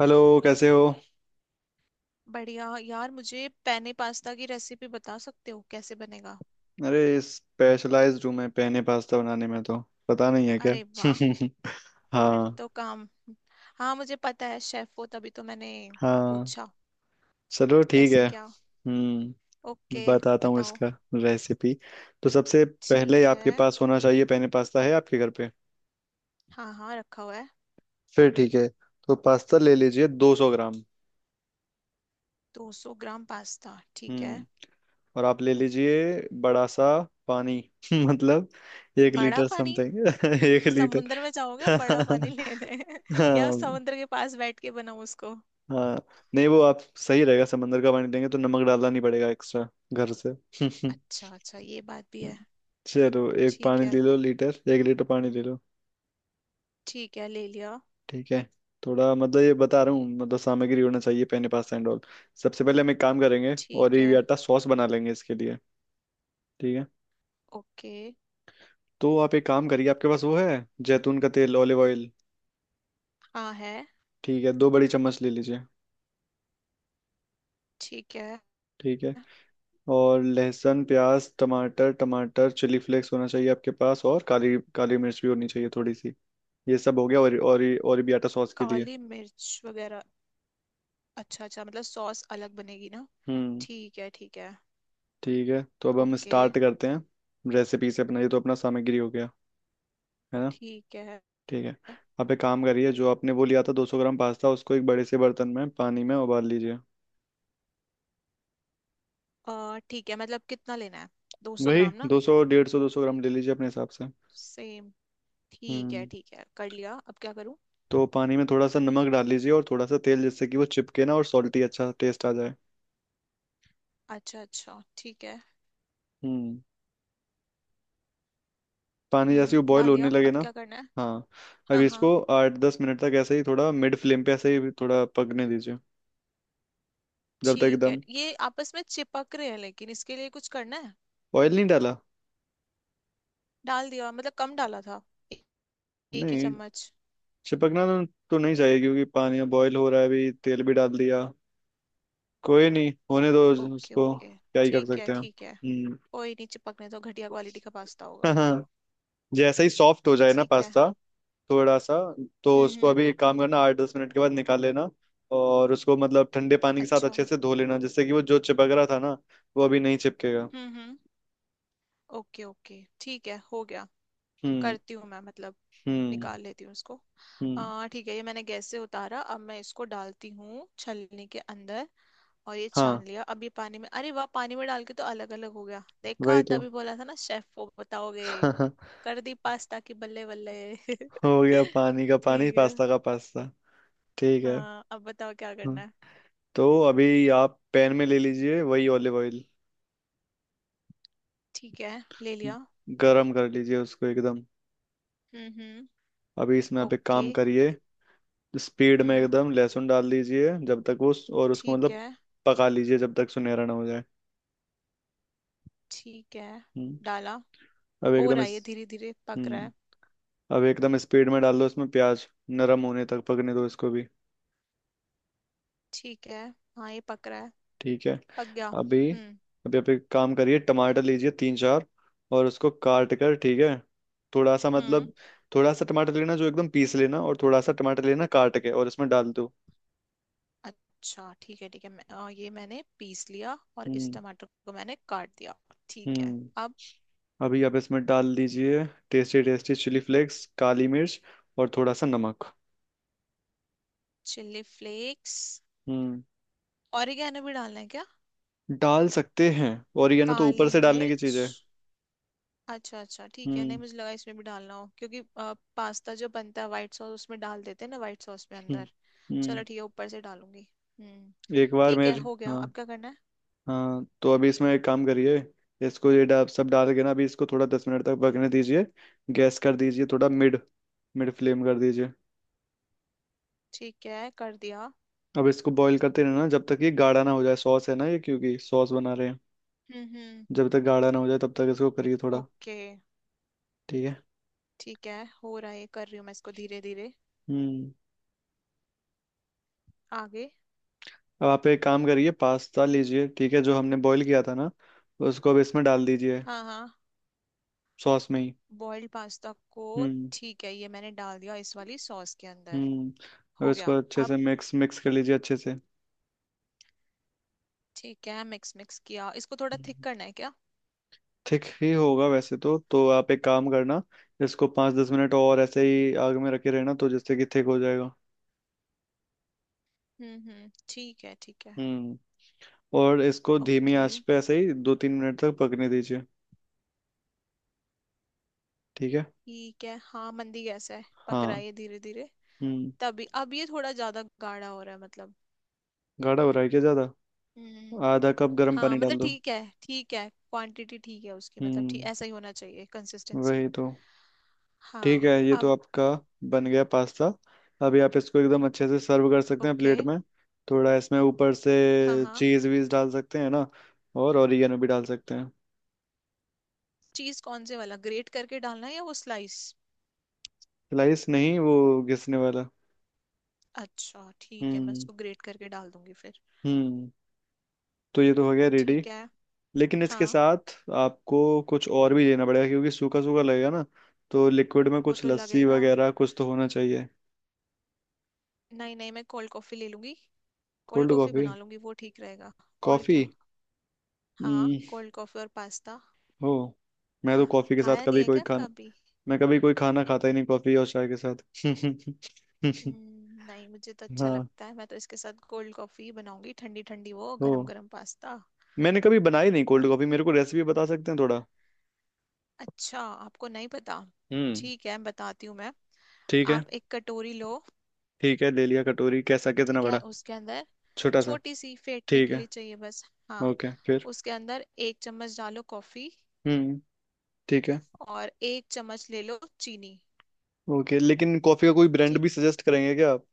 Hello. कैसे हो। बढ़िया यार, मुझे पेने पास्ता की रेसिपी बता सकते हो, कैसे बनेगा? अरे स्पेशलाइज्ड हूँ मैं पेने पास्ता बनाने में तो। पता नहीं है क्या। अरे वाह। फिर हाँ। तो काम। हाँ, मुझे पता है शेफ हो, तभी तो मैंने हाँ पूछा। चलो ठीक कैसे है। क्या? हम्म। ओके, बताता हूँ बताओ। इसका रेसिपी। तो सबसे पहले ठीक आपके है। पास होना चाहिए पेने पास्ता है आपके घर पे। हाँ हाँ, रखा हुआ है। फिर ठीक है। तो पास्ता ले लीजिए 200 ग्राम। 200 ग्राम पास्ता, ठीक है। हम्म। और आप ले लीजिए बड़ा सा पानी। मतलब एक बड़ा लीटर पानी? समथिंग। 1 लीटर। समुद्र में जाओगे बड़ा पानी लेने? या हाँ। समुद्र के पास बैठ के बनाओ उसको। हाँ नहीं वो आप सही रहेगा समंदर का पानी लेंगे तो नमक डालना नहीं पड़ेगा एक्स्ट्रा घर से। अच्छा अच्छा, ये बात भी है। चलो एक ठीक पानी है। ले लो लीटर 1 लीटर पानी ले लो। ठीक है, ले लिया। ठीक है। थोड़ा मतलब ये बता रहा हूँ मतलब सामग्री होना चाहिए पेन पास्ता एंड ऑल। सबसे पहले हम एक काम करेंगे और ठीक ये है। आटा सॉस बना लेंगे इसके लिए। ठीक है। ओके। तो आप एक काम करिए आपके पास वो है जैतून का तेल ऑलिव ऑयल। हाँ है। ठीक है 2 बड़ी चम्मच ले लीजिए। ठीक है। ठीक है। और लहसुन प्याज टमाटर टमाटर चिली फ्लेक्स होना चाहिए आपके पास और काली काली मिर्च भी होनी चाहिए थोड़ी सी। ये सब हो गया। और ओरिबियाटा सॉस के लिए। काली मिर्च वगैरह। अच्छा अच्छा, मतलब सॉस अलग बनेगी ना? हम्म। ठीक है ठीक है। ठीक है तो अब हम ओके। स्टार्ट करते हैं रेसिपी से अपना। ये तो अपना सामग्री हो गया है ना। ठीक है। ठीक है। आप एक काम करिए जो आपने वो लिया था 200 ग्राम पास्ता उसको एक बड़े से बर्तन में पानी में उबाल लीजिए। ठीक है, मतलब कितना लेना है? दो सौ वही ग्राम ना? 200 150 200 ग्राम ले लीजिए अपने हिसाब से। सेम। ठीक है हम्म। ठीक है, कर लिया, अब क्या करूं? तो पानी में थोड़ा सा नमक डाल लीजिए और थोड़ा सा तेल जिससे कि वो चिपके ना और सॉल्टी अच्छा टेस्ट आ जाए। अच्छा अच्छा ठीक है। हम्म। पानी जैसे ही वो हम्म, बॉयल डाल होने दिया, लगे अब ना। क्या करना है? हाँ। अब हाँ हाँ। इसको 8-10 मिनट तक ऐसे ही थोड़ा मिड फ्लेम पे ऐसे ही थोड़ा पकने दीजिए। जब तक ठीक है, एकदम ये आपस में चिपक रहे हैं, लेकिन इसके लिए कुछ करना है? ऑयल नहीं डाला। डाल दिया, मतलब कम डाला था। ए- एक ही नहीं चम्मच। चिपकना तो नहीं चाहिए क्योंकि पानी बॉयल हो रहा है अभी तेल भी डाल दिया। कोई नहीं होने दो। ओके उसको ओके, क्या ही कर ठीक है सकते हैं। ठीक है। हम्म। कोई नहीं, चिपकने तो घटिया क्वालिटी का पास्ता हाँ होगा। हाँ। जैसे ही सॉफ्ट हो जाए ना ठीक है। पास्ता थोड़ा सा तो उसको हम्म। अभी एक काम करना 8-10 मिनट के बाद निकाल लेना और उसको मतलब ठंडे पानी के साथ अच्छा अच्छे हम्म। से धो लेना जिससे कि वो जो चिपक रहा था ना वो अभी नहीं चिपकेगा। हम्म। ओके ओके, ठीक है, हो गया। हम्म। करती हूँ मैं, मतलब हम्म। निकाल लेती हूँ इसको। हम्म। आ ठीक है, ये मैंने गैस से उतारा, अब मैं इसको डालती हूँ छलनी के अंदर। और ये छान हाँ। लिया, अब ये पानी में अरे वाह, पानी में डाल के तो अलग अलग हो गया, देखा? वही तो। तभी बोला था ना शेफ वो बताओगे। कर दी पास्ता की बल्ले बल्ले। हो गया पानी का पानी ठीक है। पास्ता का पास्ता। ठीक है। हाँ, अब बताओ क्या करना हाँ। है? तो अभी आप पैन में ले लीजिए वही ऑलिव ऑयल। ठीक है, ले लिया। गरम कर लीजिए उसको एकदम। हम्म। अभी इसमें आप एक ओके। काम करिए स्पीड में हम्म। एकदम लहसुन डाल दीजिए जब तक उस और उसको ठीक मतलब है पका लीजिए जब तक सुनहरा ना हो जाए। ठीक है। हम्म, डाला। अब हो एकदम रहा इस है, ये धीरे धीरे पक रहा हम्म है। अब एकदम स्पीड में डाल दो उसमें प्याज। नरम होने तक पकने दो इसको भी। ठीक है। हाँ, ये पक रहा है। ठीक है। पक गया। अभी हम्म अभी आप एक काम करिए टमाटर लीजिए तीन चार। और उसको काट कर ठीक है। थोड़ा सा हम्म। मतलब थोड़ा सा टमाटर लेना जो एकदम पीस लेना और थोड़ा सा टमाटर लेना काट के और इसमें डाल दो। अच्छा ठीक है ठीक है। ये मैंने पीस लिया और इस हम्म। टमाटर को मैंने काट दिया। ठीक है। हम्म। अब अभी आप इसमें डाल दीजिए टेस्टी टेस्टी चिली फ्लेक्स काली मिर्च और थोड़ा सा नमक। Chilli flakes. हम्म। ऑरिगेनो भी डालना है क्या? डाल सकते हैं। और ये ना तो ऊपर काली से डालने की मिर्च। चीज है। अच्छा अच्छा ठीक है, नहीं, हम्म। मुझे लगा इसमें भी डालना हो, क्योंकि पास्ता जो बनता है व्हाइट सॉस, उसमें डाल देते हैं ना व्हाइट सॉस में हम्म। अंदर। चलो हम्म। ठीक है, ऊपर से डालूंगी। हम्म। एक बार ठीक है, मेरे। हो गया, हाँ अब क्या करना है? हाँ तो अभी इसमें एक काम करिए इसको सब डाल के ना अभी इसको थोड़ा 10 मिनट तक पकने दीजिए। गैस कर दीजिए थोड़ा मिड मिड फ्लेम कर दीजिए। ठीक है, कर दिया। अब इसको बॉईल करते रहना जब तक ये गाढ़ा ना हो जाए सॉस है ना ये क्योंकि सॉस बना रहे हैं। हम्म। जब तक गाढ़ा ना हो जाए तब तक इसको करिए थोड़ा। ओके। ठीक है। ठीक है। हो रहा है, कर रही हूँ मैं इसको धीरे धीरे। हम्म। आगे। अब आप एक काम करिए पास्ता लीजिए ठीक है जो हमने बॉईल किया था ना उसको अब इसमें डाल दीजिए हाँ हाँ। सॉस में ही। बॉइल्ड पास्ता को? हम्म। ठीक है, ये मैंने डाल दिया इस वाली सॉस के अंदर। हम्म। अब हो गया। इसको अच्छे अब से मिक्स मिक्स कर लीजिए अच्छे ठीक है, मिक्स मिक्स किया, इसको थोड़ा से। थिक करना है क्या? ठीक ही होगा वैसे तो आप एक काम करना इसको 5-10 मिनट और ऐसे ही आग में रखे रहना तो जिससे कि थिक हो जाएगा। हम्म, ठीक है ठीक है। हम्म। और इसको धीमी ओके। आंच पे ऐसे ही 2-3 मिनट तक पकने दीजिए। ठीक है। ठीक है। हाँ, मंदी गैस है, पक रहा हाँ। है ये धीरे धीरे। हम्म। तभी अब ये थोड़ा ज्यादा गाढ़ा हो रहा है मतलब। गाढ़ा हो रहा है क्या ज़्यादा। हम्म। आधा कप गर्म हाँ, पानी मतलब डाल दो। ठीक है ठीक है, क्वांटिटी ठीक है उसकी, मतलब ठीक हम्म। ऐसा ही होना चाहिए कंसिस्टेंसी। वही तो। ठीक हाँ, है। ये अब तो आपका बन गया पास्ता। अभी आप इसको एकदम अच्छे से सर्व कर सकते हैं ओके। प्लेट में। थोड़ा इसमें ऊपर से हाँ हाँ। चीज़ वीज डाल सकते हैं ना। और ओरिगेनो भी डाल सकते हैं। चीज कौन से वाला, ग्रेट करके डालना है या वो स्लाइस? स्लाइस नहीं वो घिसने वाला। अच्छा ठीक है, मैं हम्म। उसको ग्रेट करके डाल दूंगी फिर। हम्म। तो ये तो हो गया रेडी। ठीक है। लेकिन इसके हाँ। साथ आपको कुछ और भी देना पड़ेगा क्योंकि सूखा सूखा लगेगा ना तो लिक्विड में वो कुछ तो लस्सी लगेगा। वगैरह कुछ तो होना चाहिए। नहीं नहीं, मैं कोल्ड कॉफी ले लूंगी। Cold cold coffee coffee. बना लूंगी, वो ठीक रहेगा। और कॉफी। क्या। हाँ, हम्म। कोल्ड कॉफी और पास्ता। हो। मैं खा तो कॉफी के साथ खाया नहीं कभी है कोई क्या खाना कभी? मैं कभी कोई खाना खाता ही नहीं कॉफी और चाय के साथ। नहीं, मुझे तो अच्छा हाँ। लगता है, मैं तो इसके साथ कोल्ड कॉफी बनाऊंगी, ठंडी ठंडी वो हो। गरम गरम पास्ता। मैंने कभी बनाई नहीं और। कोल्ड कॉफी मेरे को रेसिपी बता सकते हैं थोड़ा। अच्छा। आपको नहीं पता? हम्म। ठीक है, बताती हूँ मैं। ठीक है। आप एक कटोरी लो। ठीक है ले लिया कटोरी कैसा कितना ठीक है, बड़ा। उसके अंदर छोटा सा। छोटी सी फेंटने ठीक के है। लिए चाहिए बस। हाँ। ओके फिर। उसके अंदर एक चम्मच डालो कॉफी। हम्म। ठीक है। और एक चम्मच ले लो चीनी। ओके लेकिन कॉफी का कोई ब्रांड ठीक। भी सजेस्ट करेंगे क्या आप।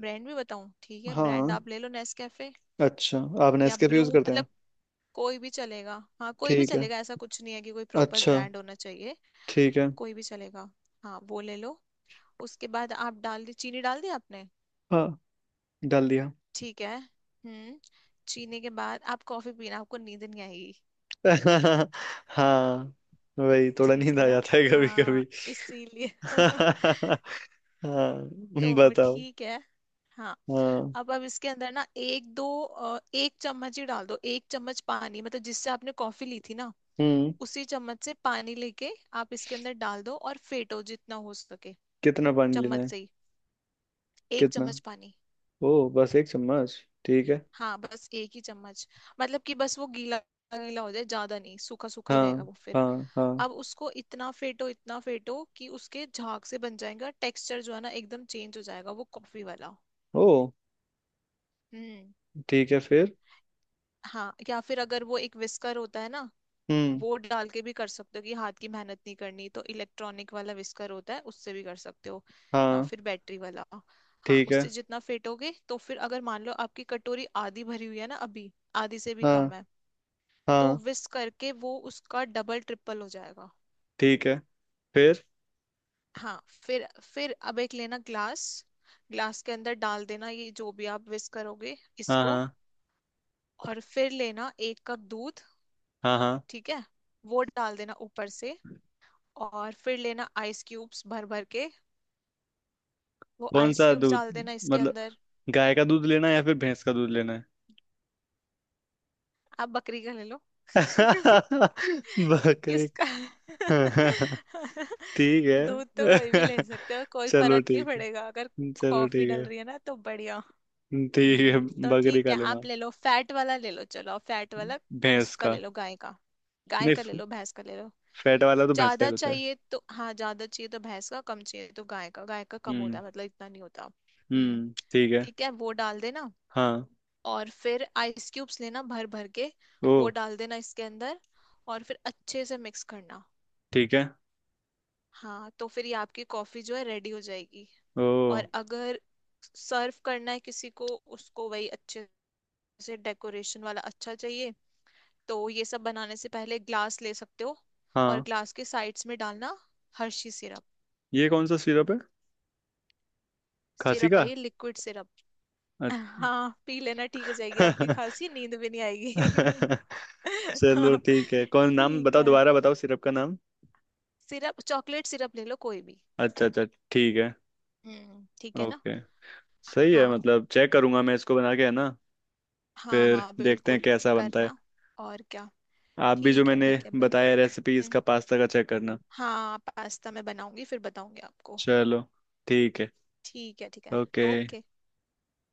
ब्रांड भी बताऊँ? ठीक है, हाँ ब्रांड आप ले लो नेस्कैफे अच्छा। आप या नेस्कैफे ब्रू, यूज करते मतलब हैं। कोई भी चलेगा। हाँ, कोई भी ठीक है चलेगा, ऐसा कुछ नहीं है कि कोई प्रॉपर अच्छा ब्रांड होना चाहिए। ठीक है। कोई भी चलेगा। हाँ, वो ले लो। उसके बाद आप डाल दी, चीनी डाल दी आपने? हाँ डाल दिया। ठीक है। हम्म। चीनी के बाद आप कॉफी पीना, आपको नींद नहीं आएगी। हाँ वही थोड़ा नींद ठीक है आ ना। जाता है कभी कभी। हाँ, इसीलिए। हाँ तो बताओ ठीक है। हाँ, हाँ। अब इसके अंदर ना एक दो एक चम्मच ही डाल दो, एक चम्मच पानी मतलब, जिससे आपने कॉफी ली थी ना, हम्म। उसी चम्मच से पानी लेके आप इसके अंदर डाल दो और फेटो जितना हो सके। कितना पानी लेना चम्मच है से ही, एक कितना। चम्मच पानी। ओ बस 1 चम्मच। ठीक है। हाँ, बस एक ही चम्मच। मतलब कि बस वो गीला गीला हो जाए, ज्यादा नहीं, सूखा सूखा ही रहेगा हाँ वो फिर। हाँ। हाँ। अब उसको इतना फेटो कि उसके झाग से बन जाएगा टेक्सचर जो है ना, एकदम चेंज हो जाएगा वो कॉफी वाला। ओ हम्म। ठीक है फिर। हाँ, या फिर अगर वो एक विस्कर होता है ना, हम्म। वो डाल के भी कर सकते हो, कि हाथ की मेहनत नहीं करनी तो इलेक्ट्रॉनिक वाला विस्कर होता है, उससे भी कर सकते हो। या हाँ। फिर बैटरी वाला। हाँ, ठीक है। उससे जितना फेटोगे तो फिर अगर मान लो आपकी कटोरी आधी भरी हुई है ना अभी, आधी से भी हाँ कम है, तो हाँ। whisk करके वो उसका डबल ट्रिपल हो जाएगा। ठीक है फिर। हाँ फिर अब एक लेना ग्लास, ग्लास के अंदर डाल देना ये जो भी आप whisk करोगे हाँ इसको। हाँ और फिर लेना एक कप दूध। हाँ हाँ। ठीक है। वो डाल देना ऊपर से। और फिर लेना आइस क्यूब्स भर भर के। वो कौन आइस सा क्यूब्स दूध डाल देना इसके मतलब अंदर। गाय का दूध लेना है या फिर भैंस का दूध लेना है। आप बकरी का ले लो। बकरे किसका? ठीक दूध तो कोई भी ले है। सकते हो, कोई चलो फर्क नहीं ठीक पड़ेगा अगर है चलो कॉफी डल ठीक रही है ना तो बढ़िया। है। ठीक है हम्म, तो बकरी ठीक का है, लूंगा आप ले लो फैट वाला, ले लो, चलो आप फैट वाला भैंस उसका का। ले लो, गाय का। गाय नहीं का ले लो, भैंस का ले लो। फैट वाला तो भैंस का ज्यादा ही होता है। चाहिए तो हाँ, ज्यादा चाहिए तो भैंस का, कम चाहिए तो गाय का, गाय का कम होता हम्म। है, मतलब इतना नहीं होता। हम्म। हम्म। ठीक है। ठीक है, वो डाल देना। हाँ। और फिर आइस क्यूब्स लेना भर भर के, ओ। वो डाल देना इसके अंदर। और फिर अच्छे से मिक्स करना। ठीक है। हाँ, तो फिर ये आपकी कॉफी जो है रेडी हो जाएगी। और ओ। अगर सर्व करना है किसी को उसको, वही अच्छे जैसे डेकोरेशन वाला अच्छा चाहिए, तो ये सब बनाने से पहले ग्लास ले सकते हो। और हाँ ग्लास के साइड्स में डालना हर्षी सिरप। ये कौन सा सिरप है। खांसी सिरप का है ये लिक्विड सिरप। अच्छा। हाँ, पी लेना, ठीक हो जाएगी आपकी खांसी, नींद भी नहीं आएगी। चलो हाँ, ठीक है कौन नाम ठीक बताओ है। दोबारा बताओ सिरप का नाम। सिरप चॉकलेट सिरप ले लो कोई भी। अच्छा अच्छा। ठीक है। हम्म, ठीक है ना। ओके। सही है हाँ मतलब चेक करूंगा मैं इसको बना के है ना। हाँ फिर हाँ देखते हैं बिल्कुल। कैसा बनता है। करना। और क्या। आप भी जो ठीक है मैंने ठीक है, बताया रेसिपी बिल्कुल, इसका हम्म। पास्ता का चेक करना। हाँ, पास्ता मैं बनाऊंगी, फिर बताऊंगी आपको। चलो ठीक है। ठीक है ठीक है। ओके। ओके।